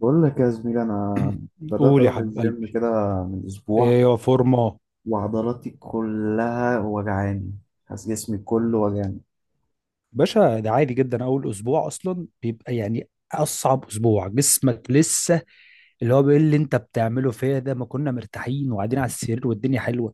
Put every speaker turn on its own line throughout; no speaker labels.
بقول لك يا زميلي، انا بدات
قول يا
اروح
حبيب
الجيم
قلبي،
كده من اسبوع،
ايوه فورمه
وعضلاتي كلها وجعاني. حاسس جسمي كله وجعاني.
باشا. ده عادي جدا، اول اسبوع اصلا بيبقى يعني اصعب اسبوع، جسمك لسه اللي هو بيقول اللي انت بتعمله فيا ده، ما كنا مرتاحين وقاعدين على السرير والدنيا حلوه.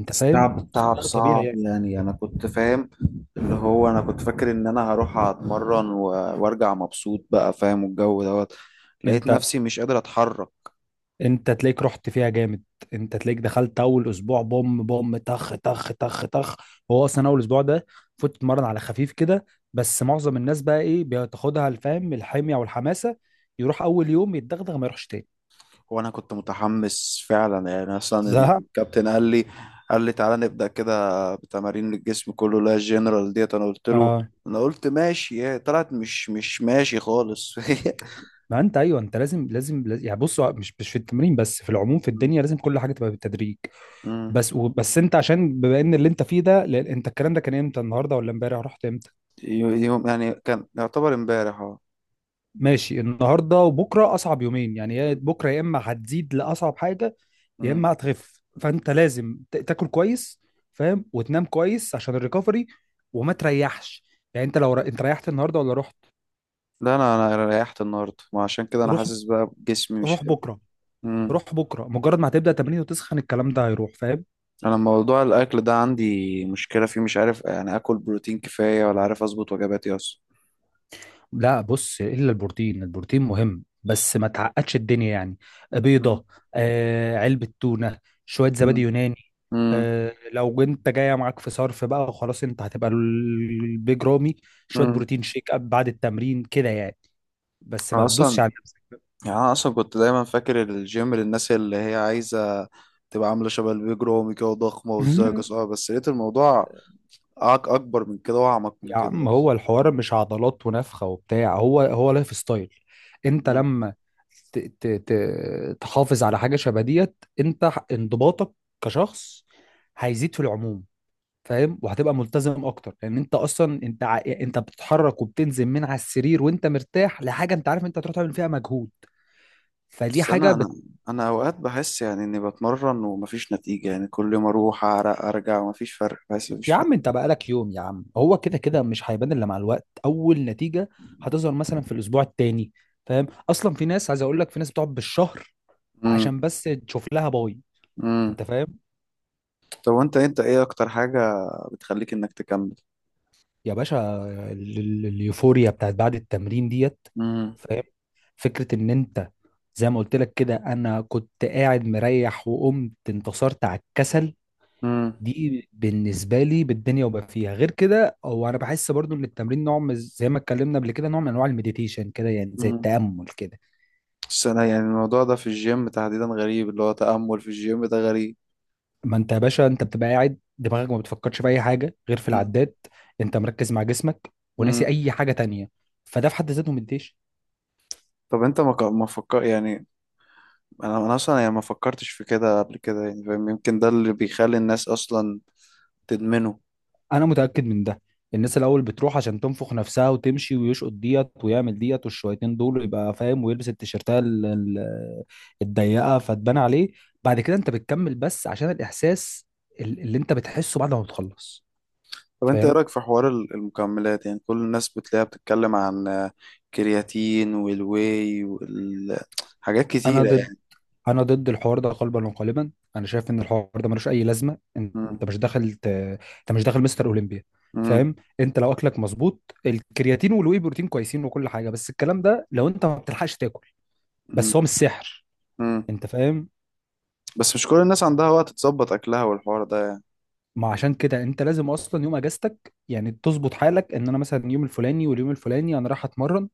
انت فاهم؟
التعب التعب
فده طبيعي
صعب،
يعني.
يعني انا كنت فاهم. اللي هو انا كنت فاكر ان انا هروح اتمرن وارجع مبسوط بقى، فاهم، والجو دوت. لقيت
انت
نفسي مش قادر اتحرك.
انت تلاقيك رحت فيها جامد، انت تلاقيك دخلت اول اسبوع بوم بوم طخ طخ طخ طخ. هو اصلا اول اسبوع ده فوت تتمرن على خفيف كده، بس معظم الناس بقى ايه، بتاخدها الفهم الحميه والحماسه، يروح اول يوم يتدغدغ ما يروحش تاني.
وانا كنت متحمس فعلا، يعني اصلا
زهق.
الكابتن قال لي تعالى نبدا كده بتمارين الجسم كله، لا الجنرال ديت. انا قلت له
اه
انا قلت ماشي، هي طلعت مش ماشي خالص.
ما انت ايوه، انت لازم، يعني بص، هو مش في التمرين بس، في العموم في الدنيا لازم كل حاجه تبقى بالتدريج.
أمم.
بس بس انت عشان بما ان اللي انت فيه ده، لأن انت الكلام ده كان امتى؟ النهارده ولا امبارح؟ رحت امتى؟
يوم يعني كان يعتبر امبارح، اه.
ماشي، النهارده وبكره اصعب يومين يعني، يا بكره يا اما هتزيد لاصعب حاجه يا
أمم.
اما هتخف. فانت لازم تاكل كويس، فاهم، وتنام كويس عشان الريكفري، وما تريحش. يعني انت لو انت ريحت النهارده ولا رحت؟
لا، انا ريحت النهارده، ما عشان كده انا
روح،
حاسس بقى بجسمي مش
روح
قادر.
بكره،
امم.
روح بكره مجرد ما هتبدا تمرين وتسخن الكلام ده هيروح. فاهم؟
انا موضوع الاكل ده عندي مشكله فيه، مش عارف يعني اكل بروتين كفايه، ولا عارف اظبط وجباتي اصلا.
لا بص، الا البروتين، البروتين مهم بس ما تعقدش الدنيا يعني.
أمم.
بيضه، آه، علبه تونه، شويه زبادي
أمم.
يوناني، آه لو انت جايه معاك في صرف بقى خلاص انت هتبقى البيج رامي، شويه
أمم.
بروتين شيك اب بعد التمرين كده يعني. بس
أنا
ما
اصلا
تدوسش على نفسك.
يعني انا اصلا كنت دايما فاكر الجيم للناس اللي هي عايزه تبقى عامله شبه البيج رامي كده وضخمه وازاي كسوها، بس لقيت الموضوع اكبر من كده واعمق من
يا
كده
عم
اصلا.
هو الحوار مش عضلات ونفخه وبتاع، هو هو لايف ستايل. انت
مم.
لما ت- ت- تحافظ على حاجه شبه ديت، انت انضباطك كشخص هيزيد في العموم. فاهم؟ وهتبقى ملتزم اكتر، لان انت اصلا انت انت بتتحرك وبتنزل من على السرير وانت مرتاح لحاجه انت عارف انت هتروح تعمل فيها مجهود. فدي
بس
حاجه
انا انا انا اوقات بحس يعني اني بتمرن ومفيش نتيجه، يعني كل يوم اروح اعرق ارجع ومفيش فرق، بحس مفيش
يا
فرق.
عم انت بقالك يوم، يا عم هو كده كده مش هيبان الا مع الوقت، اول نتيجه هتظهر مثلا في الاسبوع التاني. فاهم؟ اصلا في ناس، عايز اقول لك في ناس بتقعد بالشهر
امم.
عشان بس تشوف لها باي.
امم.
انت فاهم؟
طب، وانت ايه اكتر حاجه بتخليك انك تكمل؟
يا باشا، اليوفوريا بتاعت بعد التمرين ديت.
امم.
فاهم؟ فكرة ان انت، زي ما قلت لك كده، انا كنت قاعد مريح وقمت انتصرت على الكسل،
امم.
دي بالنسبة لي بالدنيا. وبقى فيها غير كده، هو انا بحس برضو ان التمرين نوع زي ما اتكلمنا قبل كده، نوع من انواع المديتيشن كده، يعني زي
امم.
التأمل كده.
بس انا يعني الموضوع ده في الجيم تحديدا غريب، اللي هو تأمل في الجيم ده غريب.
ما انت يا باشا انت بتبقى قاعد دماغك ما بتفكرش في اي حاجة غير في
مم.
العداد، انت مركز مع جسمك، وناسي
مم.
اي حاجة تانية. فده في حد ذاته مديش.
طب انت ما فكر يعني. انا اصلا يعني ما فكرتش في كده قبل كده يعني، فاهم؟ يمكن ده اللي بيخلي الناس اصلا تدمنه.
انا متاكد من ده. الناس الاول بتروح عشان تنفخ نفسها وتمشي ويشقط ديت ويعمل ديت والشويتين دول، يبقى فاهم، ويلبس التيشيرتات الضيقه فتبان عليه. بعد كده انت بتكمل بس عشان الاحساس اللي انت بتحسه بعد ما بتخلص.
طب انت ايه
فاهم؟
رايك في حوار المكملات؟ يعني كل الناس بتلاقيها بتتكلم عن آه، كرياتين والواي والحاجات
انا
كتيره
ضد،
يعني.
انا ضد الحوار ده قلبا وقالبا. انا شايف ان الحوار ده ملوش اي لازمه. انت
مم.
مش داخل انت مش داخل مستر اولمبيا.
مم.
فاهم؟ انت لو اكلك مظبوط الكرياتين والواي بروتين كويسين وكل حاجه، بس الكلام ده لو انت ما بتلحقش تاكل،
مم.
بس هو مش سحر.
مم.
انت فاهم؟
بس مش كل الناس عندها وقت تظبط اكلها والحوار ده يعني.
ما عشان كده انت لازم اصلا يوم اجازتك يعني تظبط حالك، ان انا مثلا يوم الفلاني واليوم الفلاني انا رايح اتمرن،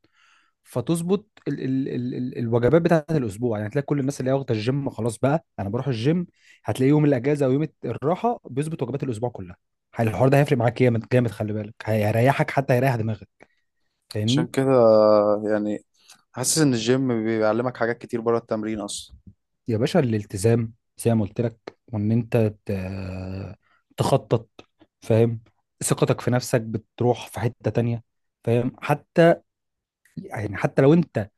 فتظبط ال الوجبات بتاعت الاسبوع. يعني هتلاقي كل الناس اللي هي واخده الجيم خلاص بقى انا بروح الجيم، هتلاقي يوم الاجازه ويوم الراحه بيظبط وجبات الاسبوع كلها. الحوار ده هيفرق معاك جامد جامد، خلي بالك، هيريحك حتى، هيريح دماغك.
عشان
فاهمني؟
كده يعني، حاسس ان الجيم بيعلمك حاجات كتير بره التمرين اصلا.
يا باشا الالتزام، زي ما قلت لك، وان انت ت- تخطط. فاهم؟ ثقتك في نفسك بتروح في حتة تانية. فاهم؟ حتى يعني حتى لو انت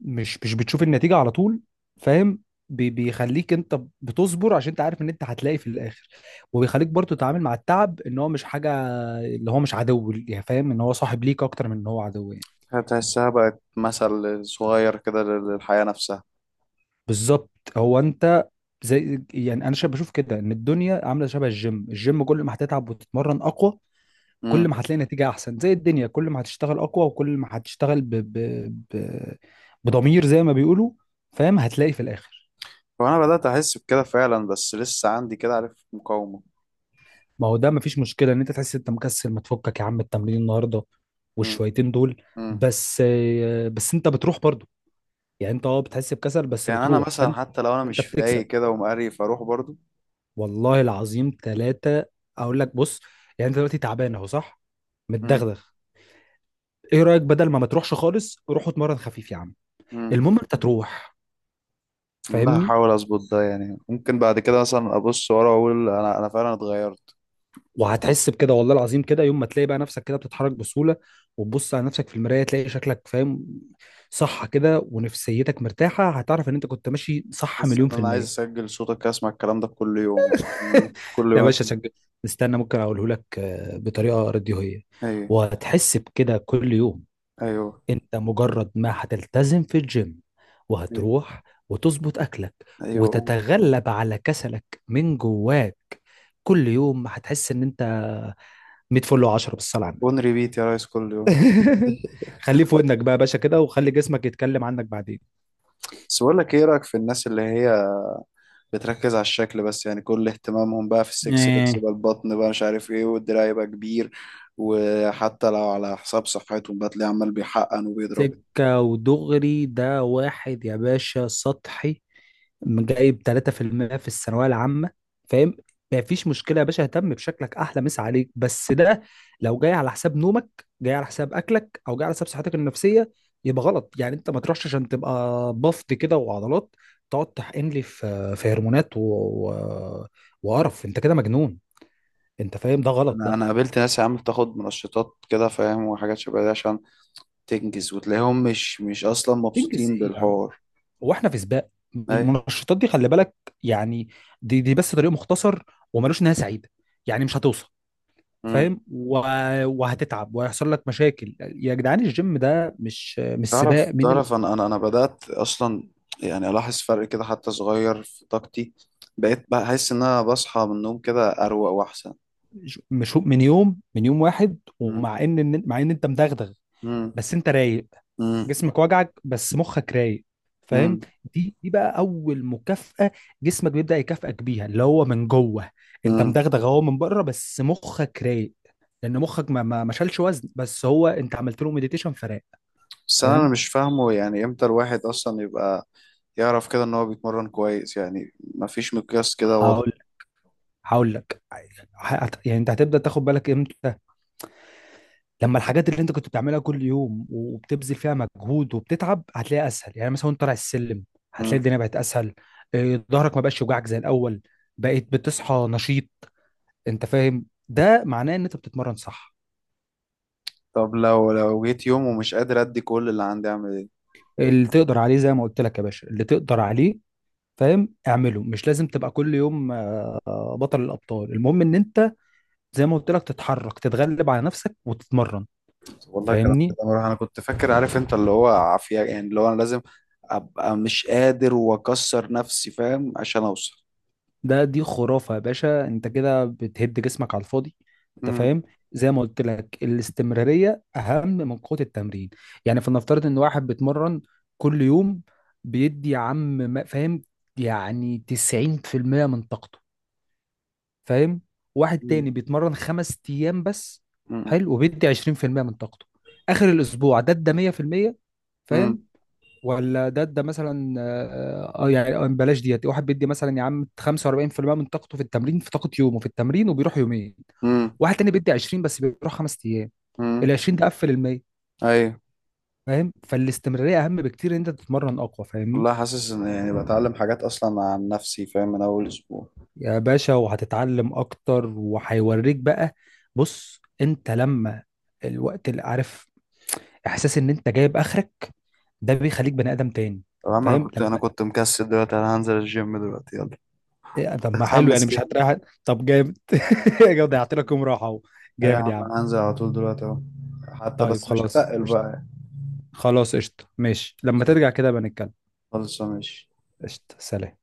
مش بتشوف النتيجة على طول، فاهم، بيخليك انت بتصبر عشان انت عارف ان انت هتلاقي في الاخر. وبيخليك برضو تتعامل مع التعب ان هو مش حاجة، اللي هو مش عدو يعني، فاهم ان هو صاحب ليك اكتر من ان هو عدو يعني.
هتحسها بقت مثل صغير كده للحياه نفسها.
بالظبط. هو انت، زي يعني انا بشوف كده ان الدنيا عامله شبه الجيم. الجيم كل ما هتتعب وتتمرن اقوى كل ما هتلاقي نتيجة أحسن، زي الدنيا كل ما هتشتغل أقوى، وكل ما هتشتغل ب... بضمير زي ما بيقولوا، فاهم، هتلاقي في الآخر.
وانا بدات احس بكده فعلا، بس لسه عندي كده، عارف، مقاومه.
ما هو ده مفيش مشكلة إن أنت تحس إن أنت مكسل، ما تفكك يا عم التمرين النهاردة
مم.
والشويتين دول.
مم.
بس بس أنت بتروح برضو، يعني أنت أه بتحس بكسل بس
يعني انا
بتروح،
مثلا حتى لو انا
فأنت
مش فايق
بتكسب.
كده ومقريف اروح برضو.
والله العظيم ثلاثة أقول لك. بص، يعني أنت دلوقتي تعبان أهو، صح،
مم.
متدغدغ. إيه رأيك؟ بدل ما تروحش خالص، روح اتمرن خفيف يا عم.
مم.
المهم أنت تروح.
والله
فاهمني؟
هحاول اظبط ده، يعني ممكن بعد كده مثلا ابص ورا واقول انا فعلا اتغيرت.
وهتحس بكده والله العظيم، كده يوم ما تلاقي بقى نفسك كده بتتحرك بسهولة، وتبص على نفسك في المراية تلاقي شكلك، فاهم صح كده، ونفسيتك مرتاحة، هتعرف ان انت كنت ماشي صح
تحس ان
مليون في
انا عايز
المية.
اسجل صوتك اسمع الكلام ده كل يوم. مم. كل يوم
يا باشا
اسمع.
استنى، ممكن اقوله لك آه، بطريقة راديوهية.
ايوه.
وهتحس بكده كل يوم،
ايوه.
انت مجرد ما هتلتزم في الجيم،
ايوه.
وهتروح، وتظبط اكلك،
ايوه. ايوه.
وتتغلب على كسلك من جواك، كل يوم هتحس ان انت 100 فل و10، بالصلاة على النبي.
اون ريبيت يا ريس، كل يوم.
خليه في ودنك بقى يا باشا كده، وخلي جسمك يتكلم عنك بعدين.
بس بقول لك، ايه رايك في الناس اللي هي بتركز على الشكل بس، يعني كل اهتمامهم بقى في السكس باكس
آه،
بقى، البطن بقى، مش عارف ايه، والدراع يبقى كبير، وحتى لو على حساب صحتهم بقى تلاقيه عمال بيحقن وبيضرب.
سكة ودغري، ده واحد يا باشا سطحي، جايب 3% في المية في الثانوية العامة. فاهم؟ مفيش مشكلة يا باشا اهتم بشكلك، أحلى مسا عليك، بس ده لو جاي على حساب نومك، جاي على حساب أكلك، أو جاي على حساب صحتك النفسية، يبقى غلط. يعني أنت ما تروحش عشان تبقى بفط كده وعضلات، تقعد تحقن لي في هرمونات و... وقرف، أنت كده مجنون. أنت فاهم؟ ده غلط.
انا قابلت ناس يا عم بتاخد منشطات كده، فاهم، وحاجات شبه دي عشان تنجز، وتلاقيهم مش اصلا
تنجز
مبسوطين
ايه يا عم،
بالحوار.
هو احنا في سباق؟
ايوه.
المنشطات دي خلي بالك، يعني دي بس طريق مختصر، وملوش نهايه سعيده، يعني مش هتوصل.
امم.
فاهم؟ وهتتعب وهيحصل لك مشاكل يا جدعان. الجيم ده مش
تعرف
سباق
تعرف انا بدأت اصلا يعني الاحظ فرق كده حتى صغير في طاقتي، بقيت بحس ان انا بصحى من النوم كده اروق واحسن.
مش من يوم، من يوم واحد، ومع ان، مع ان انت مدغدغ
امم.
بس انت رايق.
امم.
جسمك وجعك بس مخك رايق. فاهم؟
امم.
دي بقى اول مكافأة، جسمك بيبدأ يكافئك بيها اللي هو من جوه. انت مدغدغ اهو من بره بس مخك رايق، لان مخك ما شالش وزن، بس هو انت عملت له مديتيشن فراق.
بس انا
فاهم؟
مش فاهمه، يعني امتى الواحد اصلا يبقى يعرف كده ان هو بيتمرن كويس؟ يعني مفيش مقياس كده واضح.
هقول هقول لك، يعني انت هتبدأ تاخد بالك امتى؟ لما الحاجات اللي انت كنت بتعملها كل يوم وبتبذل فيها مجهود وبتتعب هتلاقيها اسهل، يعني مثلا وانت طالع السلم هتلاقي
مم.
الدنيا بقت اسهل، إيه، ظهرك ما بقاش يوجعك زي الاول، بقيت بتصحى نشيط، انت فاهم؟ ده معناه ان انت بتتمرن صح.
طب لو جيت يوم ومش قادر ادي كل اللي عندي، اعمل ايه؟
اللي تقدر عليه زي ما قلت لك يا باشا، اللي تقدر عليه، فاهم، اعمله، مش لازم تبقى كل يوم آه، بطل الابطال، المهم ان انت، زي ما قلت لك، تتحرك، تتغلب على نفسك، وتتمرن.
والله كلام كده
فاهمني؟
مره، انا كنت فاكر، عارف انت، اللي هو عافيه يعني، اللي هو انا لازم ابقى مش قادر واكسر نفسي، فاهم، عشان اوصل.
ده دي خرافة يا باشا، انت كده بتهد جسمك على الفاضي. انت
مم.
فاهم؟ زي ما قلت لك الاستمرارية اهم من قوة التمرين. يعني فلنفترض ان واحد بيتمرن كل يوم، بيدي يا عم فاهم، يعني 90% من طاقته، فاهم. واحد
مم.
تاني بيتمرن 5 ايام بس،
مم.
حلو، وبيدي 20% من طاقته، اخر الاسبوع ده ادى 100%. فاهم؟
مم.
ولا ده مثلا اه آه، يعني آه، بلاش ديت، واحد بيدي مثلا يا عم 45% من طاقته في التمرين، في طاقة يومه في التمرين، وبيروح يومين.
مم.
واحد تاني بيدي 20 بس بيروح 5 ايام، ال
مم.
20 ده قفل ال 100.
ايوه.
فاهم؟ فالاستمرارية اهم بكتير ان انت تتمرن اقوى. فاهمني؟
والله حاسس ان يعني بتعلم حاجات اصلا عن نفسي، فاهم، من اول اسبوع.
يا باشا وهتتعلم اكتر وهيوريك بقى. بص انت لما، الوقت اللي عارف احساس ان انت جايب اخرك، ده بيخليك بني ادم تاني.
يا عم انا
فاهم؟
كنت انا
لما
كنت مكسل، دلوقتي انا هنزل الجيم دلوقتي، يلا،
إيه، طب ما حلو يعني
اتحمس
مش
تاني.
هتريح. طب جامد. جامد ضيعت لك يوم راحه اهو،
اي يا
جامد يا
عم
عم.
انا هنزل على طول دلوقتي اهو، حتى
طيب
بس مش
خلاص
هتقل
قشطه،
بقى.
خلاص قشطه ماشي، لما ترجع كده بنتكلم.
خلص ماشي.
قشطه سلام.